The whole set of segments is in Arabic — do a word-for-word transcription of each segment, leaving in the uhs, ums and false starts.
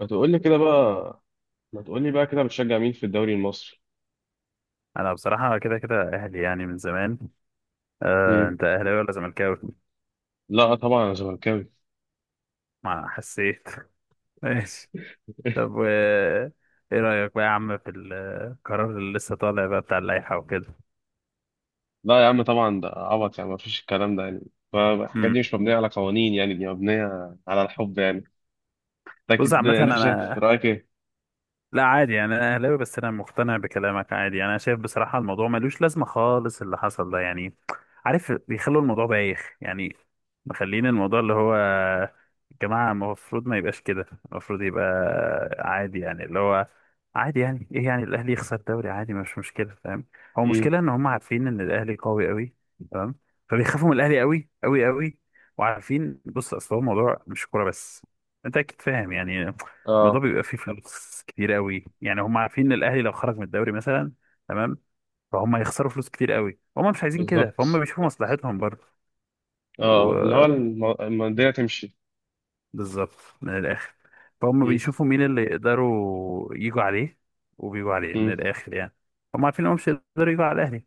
ما تقول لي كده بقى ما تقول لي بقى كده بتشجع مين في الدوري المصري؟ انا بصراحه كده كده اهلي يعني من زمان. آه، مم. انت اهلاوي ولا زملكاوي؟ لا، طبعا انا زملكاوي. ما حسيت. ماشي. طب و ايه رايك بقى يا عم في القرار اللي لسه طالع بقى بتاع اللائحه وكده؟ لا يا عم، طبعا ده عبط، يعني ما فيش الكلام ده يعني. فالحاجات امم دي مش مبنيه على قوانين، يعني دي مبنيه على الحب يعني. بص اكيد، عامه انت شايف انا، رايك ايه؟ لا عادي يعني، انا اهلاوي بس انا مقتنع بكلامك عادي يعني. انا شايف بصراحه الموضوع ملوش لازمه خالص اللي حصل ده يعني. عارف بيخلوا الموضوع بايخ يعني، مخلين الموضوع اللي هو يا جماعه المفروض ما يبقاش كده. المفروض يبقى عادي يعني، اللي هو عادي يعني، ايه يعني الاهلي يخسر دوري؟ عادي، مش مشكله، فاهم؟ هو مم. المشكله ان هم عارفين ان الاهلي قوي قوي. تمام. فبيخافوا من الاهلي قوي قوي قوي. وعارفين، بص، اصل هو الموضوع مش كوره بس، انت اكيد فاهم يعني. الموضوع اه. بيبقى فيه فلوس كتير قوي يعني، هم عارفين ان الاهلي لو خرج من الدوري مثلا، تمام، فهم هيخسروا فلوس كتير قوي. هم مش عايزين كده فهم بالظبط. بيشوفوا مصلحتهم برضه. اه، اللي هو وبالظبط. الم- المنديل تمشي. من الاخر، فهم مم. بيشوفوا مين اللي يقدروا يجوا عليه، وبيجوا عليه من امم. الاخر يعني. هم عارفين انهم مش هيقدروا يجوا على الاهلي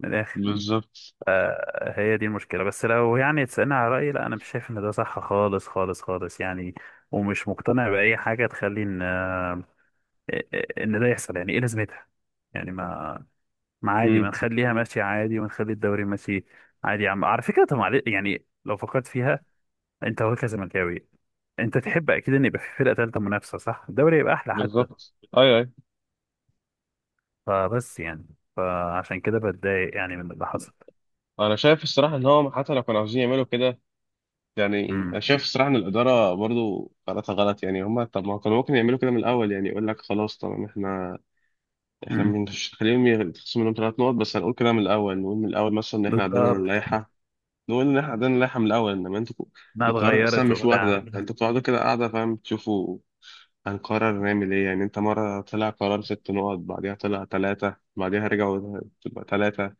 من الاخر. بالظبط. آه، هي دي المشكله. بس لو يعني تسالني على رايي، لا انا مش شايف ان ده صح خالص خالص خالص يعني. ومش مقتنع باي حاجه تخلي ان ان ده يحصل. يعني ايه لازمتها؟ يعني ما ما عادي، ما مم. نخليها ماشيه عادي ونخلي الدوري ماشي عادي. يا عم، على فكره، طب معلش يعني، لو فكرت فيها، انت هو كزملكاوي انت تحب اكيد ان يبقى في فرقه ثالثه منافسه، صح؟ الدوري يبقى احلى حتى. بالظبط، اي اي. فبس يعني، فعشان كده بتضايق يعني من اللي حصل. انا شايف الصراحه ان هو حتى لو كانوا عاوزين يعملوا كده، يعني انا امم، شايف الصراحه ان الاداره برضو قراراتها غلط، يعني هم طب ما كانوا ممكن يعملوا كده من الاول، يعني يقول لك خلاص طبعا احنا احنا امم، مش هنخليهم يتخصم منهم ثلاث نقط، بس هنقول كده من الاول، نقول من الاول مثلا ان احنا عندنا بالظبط. اللائحه. نقول ان احنا عندنا اللائحه من الاول، انما انتوا انها القرار اصلا اتغيرت مش واحده، وبتاع. انتوا بتقعدوا كده قاعده فاهم تشوفوا هنقرر نعمل ايه، يعني انت مره طلع قرار ست نقط بعديها طلع ثلاثه بعديها رجعوا تبقى ثلاثه،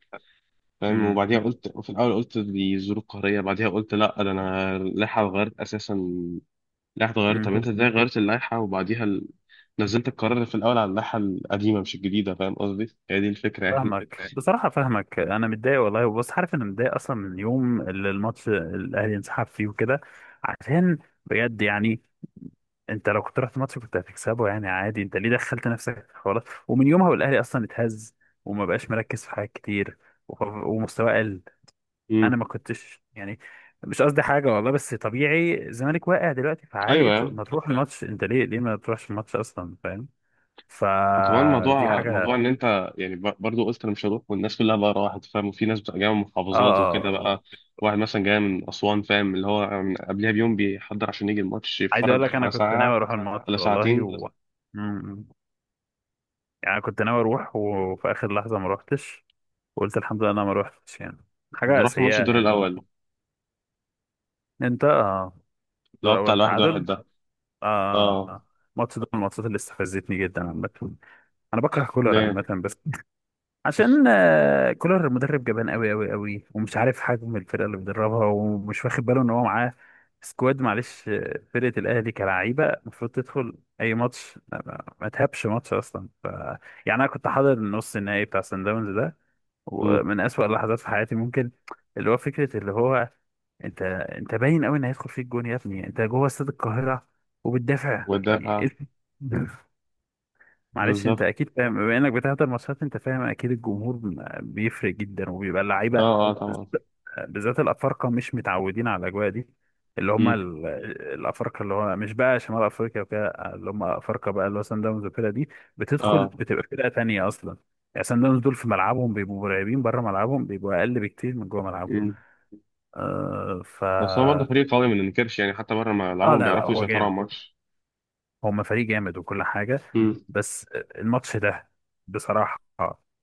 فاهم، امم، وبعديها قلت في الاول، قلت دي ظروف قهريه، بعديها قلت لا ده انا اللائحه اتغيرت اساسا. اللائحة اتغيرت، امم، طب انت ازاي غيرت اللائحة وبعديها ال... نزلت القرار في الأول على اللائحة القديمة مش الجديدة، فاهم قصدي؟ هي دي الفكرة يعني. فاهمك بصراحة، فاهمك. أنا متضايق والله، بس عارف، أنا متضايق أصلا من اليوم اللي الماتش الأهلي انسحب فيه وكده. عشان، بجد يعني، أنت لو كنت رحت الماتش كنت هتكسبه يعني عادي، أنت ليه دخلت نفسك في حوارات؟ ومن يومها والأهلي أصلا اتهز وما بقاش مركز في حاجات كتير، وخ- ومستواه قل. أنا امم. ما كنتش يعني، مش قصدي حاجة والله، بس طبيعي الزمالك واقع دلوقتي فعادي. أيوه اطلع- يعني. ما تروح الماتش. أنت ليه، ليه ما تروحش الماتش أصلا، فاهم؟ وكمان فدي موضوع موضوع حاجة. إن أنت، يعني ب- برضو قلت أنا مش هروح والناس كلها بقى راحت، فاهم، وفي ناس بتبقى جاية من اه، محافظات وكده اه، بقى. واحد مثلا جاي من أسوان، فاهم، اللي هو من قبلها بيوم بيحضر عشان يجي الماتش عايز اقول يتفرج لك انا على كنت ناوي ساعة اروح الماتش ولا والله. ساعتين. و... مم. يعني كنت ناوي اروح وفي اخر لحظه ما روحتش، وقلت الحمد لله انا ما روحتش يعني. حاجه رحت ماتش سيئه الدور يعني. الأول انت؟ آه، اللي دور هو بتاع اول الواحد واحد تعادل. ده. آه. اه. آه. ماتش ده من الماتشات اللي استفزتني جدا عامه. انا بكره كولر عامه ليه؟ بس. عشان آه، كولر مدرب جبان قوي قوي قوي ومش عارف حجم الفرقه اللي بيدربها ومش واخد باله ان هو معاه سكواد. معلش، آه، فرقه الاهلي كلعيبه المفروض تدخل اي ماتش، ما ما تهبش ماتش اصلا. ف... يعني انا كنت حاضر النص النهائي بتاع سان داونز ده، امم. ومن اسوأ اللحظات في حياتي ممكن. اللي هو فكره، اللي هو انت انت باين قوي ان هيدخل فيك جون يا ابني، انت جوه استاد القاهره وبتدافع، يعني إيه؟ والدافع. معلش انت بالظبط. اكيد فاهم بما انك بتحضر ماتشات، انت فاهم اكيد الجمهور م- بيفرق جدا وبيبقى اه اللعيبه، اه بز- طبعا. بالذات الافارقه مش متعودين على الاجواء دي، اللي هم امم. ال- الافارقه اللي هو مش بقى شمال افريقيا وكده، اللي هم افارقه بقى اللي هو سان داونز وكده، دي بتدخل اه. بتبقى فرقه تانيه اصلا يعني. سان داونز دول في ملعبهم بيبقوا مرعبين، بره ملعبهم بيبقوا اقل بكتير من جوه ملعبهم. مم. آه ف بس هو برضه فريق قوي ما ننكرش، يعني حتى بره ما اه، لعبهم لا، لا، بيعرفوا هو يسيطروا على جامد. الماتش. هما فريق جامد وكل حاجة. مم. بس الماتش ده بصراحة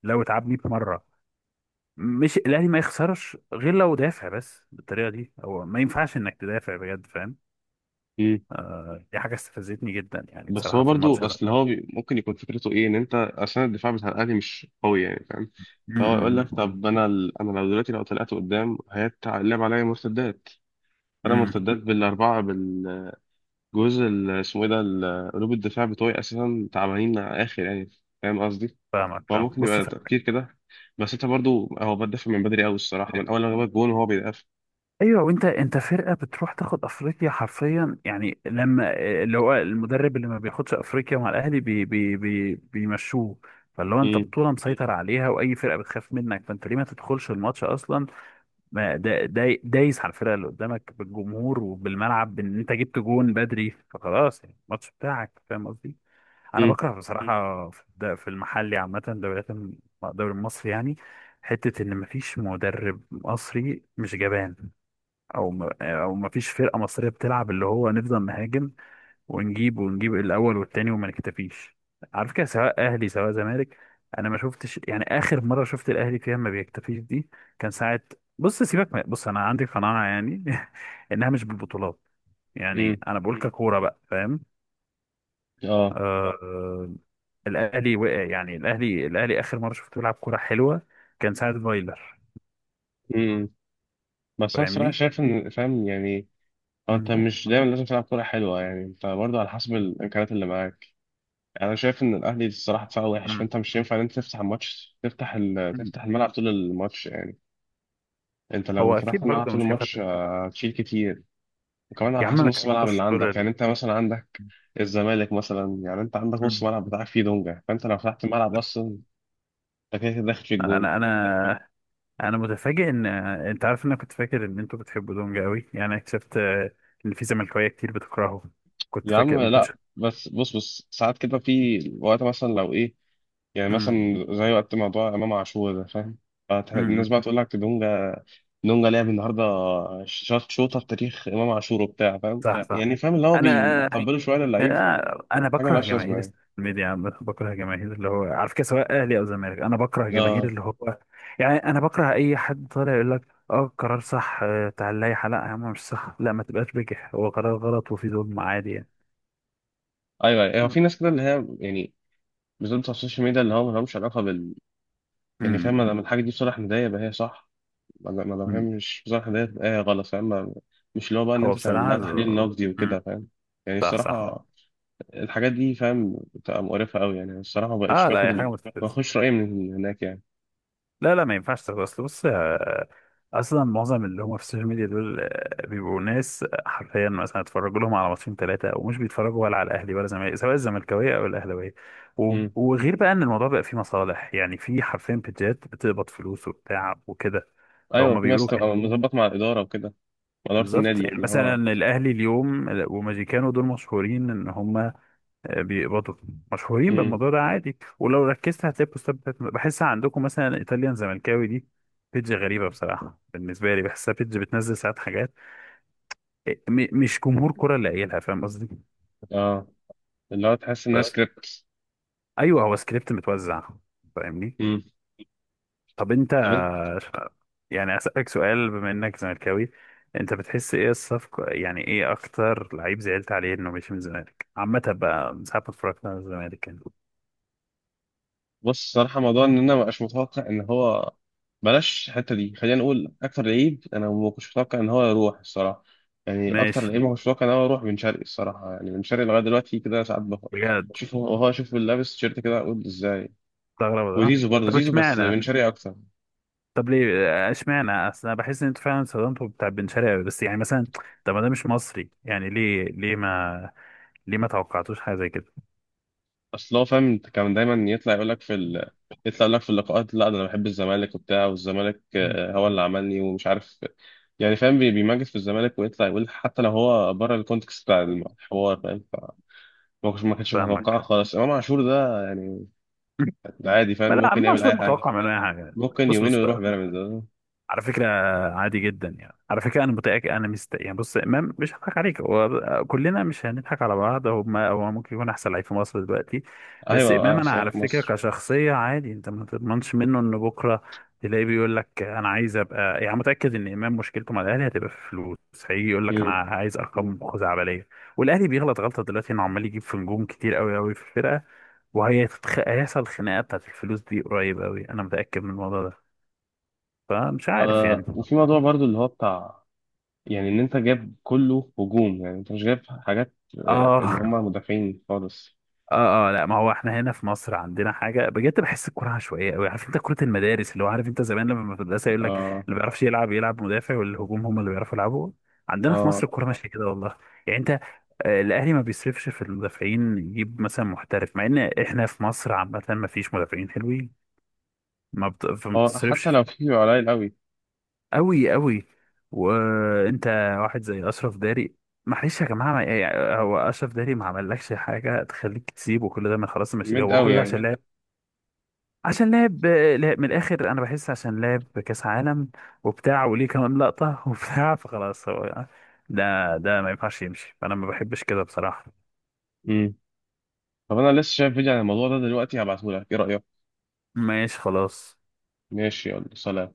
لو اتعبني بمرة. مش الأهلي ما يخسرش غير لو دافع، بس بالطريقة دي هو ما ينفعش إنك تدافع بجد، فاهم؟ مم. دي حاجة استفزتني جدا يعني بس بصراحة هو في الماتش برضه ده. اصل هو بي... ممكن يكون فكرته ايه، ان انت اصلا الدفاع بتاع الاهلي مش قوي يعني، فاهم، فهو يقول امم، لك طب انا ال... انا لو دلوقتي لو طلعت قدام هيتلعب عليا مرتدات. انا امم، مرتدات بالاربعه بالجزء ال- اسمه ايه ده ال- قلوب الدفاع بتوعي اساسا تعبانين اخر يعني، فاهم قصدي. فاهمك، هو فاهم، ممكن بص. يبقى تفكير كده، بس انت برضه هو بدافع من بدري قوي الصراحه، من اول ما جاب الجون وهو بيدافع. ايوه، وانت انت فرقه بتروح تاخد افريقيا حرفيا يعني، لما اللي هو المدرب اللي ما بياخدش افريقيا مع الاهلي بي بي بي بيمشوه فاللي هو انت مم. بطوله مسيطر عليها واي فرقه بتخاف منك، فانت ليه ما تدخلش الماتش اصلا، ما دا دا دايس على الفرقه اللي قدامك بالجمهور وبالملعب، بان انت جبت جون بدري فخلاص يعني الماتش بتاعك، فاهم قصدي؟ انا بكره مم. بصراحه، في الد- في المحلي عامه، دوريات الم- الدوري المصري يعني، حته ان مفيش مدرب مصري مش جبان، او ما او ما فيش فرقه مصريه بتلعب، اللي هو نفضل نهاجم ونجيب ونجيب الاول والتاني وما نكتفيش، عارف كده، سواء اهلي سواء زمالك. انا ما شفتش يعني اخر مره شفت الاهلي فيها ما بيكتفيش دي، كان ساعه. بص سيبك من- بص، انا عندي قناعه يعني انها مش بالبطولات. يعني مم. انا بقول مم. ككوره بقى، فاهم؟ آه، اه. اه، آه، الاهلي وقع يعني. الاهلي، الاهلي اخر مره شفته بيلعب كوره حلوه كان ساعه فايلر. امم. بس انا الصراحه فاهمني. شايف ان فاهم يعني. هو انت مم. مش دايما لازم تلعب كوره حلوه، يعني انت برضه على حسب الامكانيات اللي معاك. يعني انا شايف ان الاهلي الصراحه دفاعه وحش، مم. فانت مش ينفع ان انت تفتح الماتش، تفتح ال... مم. تفتح الملعب طول الماتش يعني. انت لو هو فتحت اكيد الملعب برضه طول مش هينفع. الماتش، آه، هتشيل كتير. وكمان يا على عم حسب ما نص الملعب اللي تحبوش عندك، دول. يعني انت مثلا عندك الزمالك مثلا، يعني انت عندك نص مم. الملعب بتاعك فيه دونجا، فانت لو فتحت الملعب اصلا انت كده كده داخل في الجون. انا انا انا متفاجئ ان انت عارف ان انا كنت فاكر ان انتوا بتحبوا دونج قوي يعني، اكتشفت آه، ان في زملكاويه كتير بتكرهه. كنت يا فاكر عم ما لا، كنتش. بس بص بص ساعات كده في وقت مثلا لو ايه، يعني مم. مثلا زي وقت موضوع امام عاشور ده فاهم، فت- مم. الناس بقى تقول لك دونجا، دونجا لعب النهارده، شاط شوطه بتاريخ امام عاشور وبتاع فاهم، صح، صح. يعني فاهم اللي هو انا آه، بيطبلوا شويه للعيب آه، انا حاجه بكره ملهاش لازمه جماهير يعني. الميديا عامة، بكره جماهير اللي هو، على فكره، سواء اهلي او زمالك، انا بكره جماهير اه. اللي هو يعني، انا بكره اي حد طالع يقول لك اه قرار صح، آه، تعال، لا، لا يا عم مش صح، لا ما تبقاش بجح، هو قرار غلط وفي ظلم عادي يعني. ايوه ايوه، هو في ناس كده اللي هي يعني، بالذات بتوع السوشيال ميديا اللي هو مالهمش علاقه بال. يعني فاهم، ما امم. دام الحاجه دي بصالح الهدايا يبقى هي صح، ما دام ما دام هي أمم. مش بصالح الهدايا يبقى هي غلط، فاهم ما- مش اللي هو بقى ان هو انت تعمل بصراحة لها تحليل ال... نقدي وكده أمم. فاهم، يعني صح، صح. الصراحه الحاجات دي فاهم بتبقى مقرفة قوي يعني، الصراحة ما بقتش اه، لا، باخد هي ال... حاجة ما متفلسفة. باخدش رأيي من هناك يعني. لا، لا ما ينفعش تاخد. اصل بص، آه، اصلا معظم اللي هم في السوشيال ميديا دول آه، بيبقوا ناس آه، حرفيا مثلا اتفرجوا لهم على ماتشين ثلاثة ومش بيتفرجوا ولا على الاهلي ولا زمالك، سواء الزملكاوية او الاهلاوية. و... امم. وغير بقى ان الموضوع بقى فيه مصالح يعني، في حرفيا بيجات بتقبض فلوس وبتاع وكده. ايوه، فهم في ناس بيقولوا تبقى كده. مظبط مع الإدارة وكده، مع إدارة بالظبط النادي يعني، اللي مثلا هو. الاهلي اليوم، آه، وماجيكانو دول مشهورين ان هم بيبقوا مشهورين امم. بالموضوع ده عادي. ولو ركزت هتلاقي البوستات بتاعت، بحسها عندكم مثلا ايطاليان زملكاوي دي، بيدج غريبه بصراحه بالنسبه لي، بحسها بيدج بتنزل ساعات حاجات، آه، م- مش جمهور كره اللي قايلها، فاهم قصدي؟ اه، اللي هو تحس انها بس، سكريبت. ايوه، هو سكريبت متوزع، فاهمني؟ امم. طب انت، طب انت. يعني اسالك سؤال بما انك زملكاوي، انت بتحس ايه الصفقه يعني، ايه اكتر لعيب زعلت عليه انه مش من الزمالك عامه بقى من ساعه ما اتفرجت على الزمالك يعني؟ بص الصراحة موضوع ان انا ما بقاش متوقع ان هو، بلاش الحتة دي، خلينا نقول اكتر لعيب انا ما كنتش متوقع ان هو يروح الصراحة. يعني اكتر ماشي، لعيب ما كنتش متوقع ان هو يروح بن شرقي الصراحة، يعني بن شرقي لغاية دلوقتي كده ساعات بفكر، بجد. شوف هو هو شوف لابس تيشيرت كده اقول ازاي. استغرب ده. وزيزو برضه طب زيزو، بس اشمعنى، بن شرقي اكتر. طب ليه آه، اشمعنى؟ اصل انا بحس ان انتوا فعلا استخدمتوا بتاع بن شرقي أوي. بس يعني مثلا، طب ما ده مش مصري يعني، ليه، ليه ما ليه ما توقعتوش حاجه زي كده؟ اصل هو فاهم كان دايما يطلع يقول لك في ال... يطلع يقول لك في اللقاءات لا ده انا بحب الزمالك وبتاع، والزمالك آه، هو اللي عملني ومش عارف، يعني فاهم بي- بيمجد في الزمالك ويطلع يقول حتى لو هو بره الكونتكست بتاع الحوار، فاهم ف- ما كنتش ما كانش متوقع فاهمك. خالص امام عاشور ده يعني. ده عادي فاهم، ما لا، ممكن انا يعمل مش اي حاجه، متوقع منه اي حاجه. ممكن بص يومين بص ويروح بيراميدز. على فكرة، عادي جدا يعني، على فكرة أنا متأكد. أنا مست يعني، بص، إمام مش هضحك عليك، هو كلنا مش هنضحك على بعض، هو ما هو ممكن يكون أحسن لعيب في مصر دلوقتي. بس ايوه، آه، إمام أنا عشان على في فكرة مصر. كشخصية عادي، أنت ما تضمنش منه إن بكرة تلاقيه بيقول لك أنا عايز أبقى. يعني متأكد إن إمام مشكلته مع الأهلي هتبقى في الفلوس، هيجي يقول لك أنا مم. عايز أرقام خزعبلية. والأهلي بيغلط غلطة دلوقتي إنه عمال يجيب في نجوم كتير قوي قوي في الفرقة، وهيحصل خناقة بتاعت الفلوس دي قريب قوي، أنا متأكد من الموضوع ده. فمش عارف يعني. آه وفي موضوع برضو اللي هو بتاع، يعني ان انت جايب كله هجوم، يعني انت مش جايب حاجات آه، اللي اه. هم مدافعين خالص. اه اه لا، ما هو احنا هنا في مصر عندنا حاجه بجد، بحس الكوره عشوائيه قوي. عارف انت كره المدارس، اللي هو، عارف انت زمان لما في المدرسه يقول لك اللي اه ما بيعرفش يلعب يلعب مدافع والهجوم هم اللي بيعرفوا يلعبوا؟ عندنا في اه مصر الكوره ماشيه كده والله. يعني انت، آه، الاهلي ما بيصرفش في المدافعين، يجيب مثلا محترف، مع ان احنا في مصر عامه ما فيش مدافعين حلوين، ما بت- فما اه. بتصرفش. حتى لو في بيبقى قليل قوي أوي أوي. وأنت، واحد زي أشرف داري، معلش يا جماعة، ما يعني، هو أشرف داري ما عملكش حاجة تخليك تسيبه كل ده، من خلاص ماشي، ميد هو قوي كل ده عشان يعني. لا، لعب، عشان لعب. لعب- من الآخر أنا بحس عشان لعب كأس عالم وبتاع، وليه كمان لقطة وبتاع، فخلاص هو ده. ده ما ينفعش يمشي، فأنا ما بحبش كده بصراحة. امم. طب انا لسه شايف فيديو عن الموضوع ده دلوقتي هبعته لك، ايه رأيك؟ ماشي، خلاص. ماشي، يلا سلام.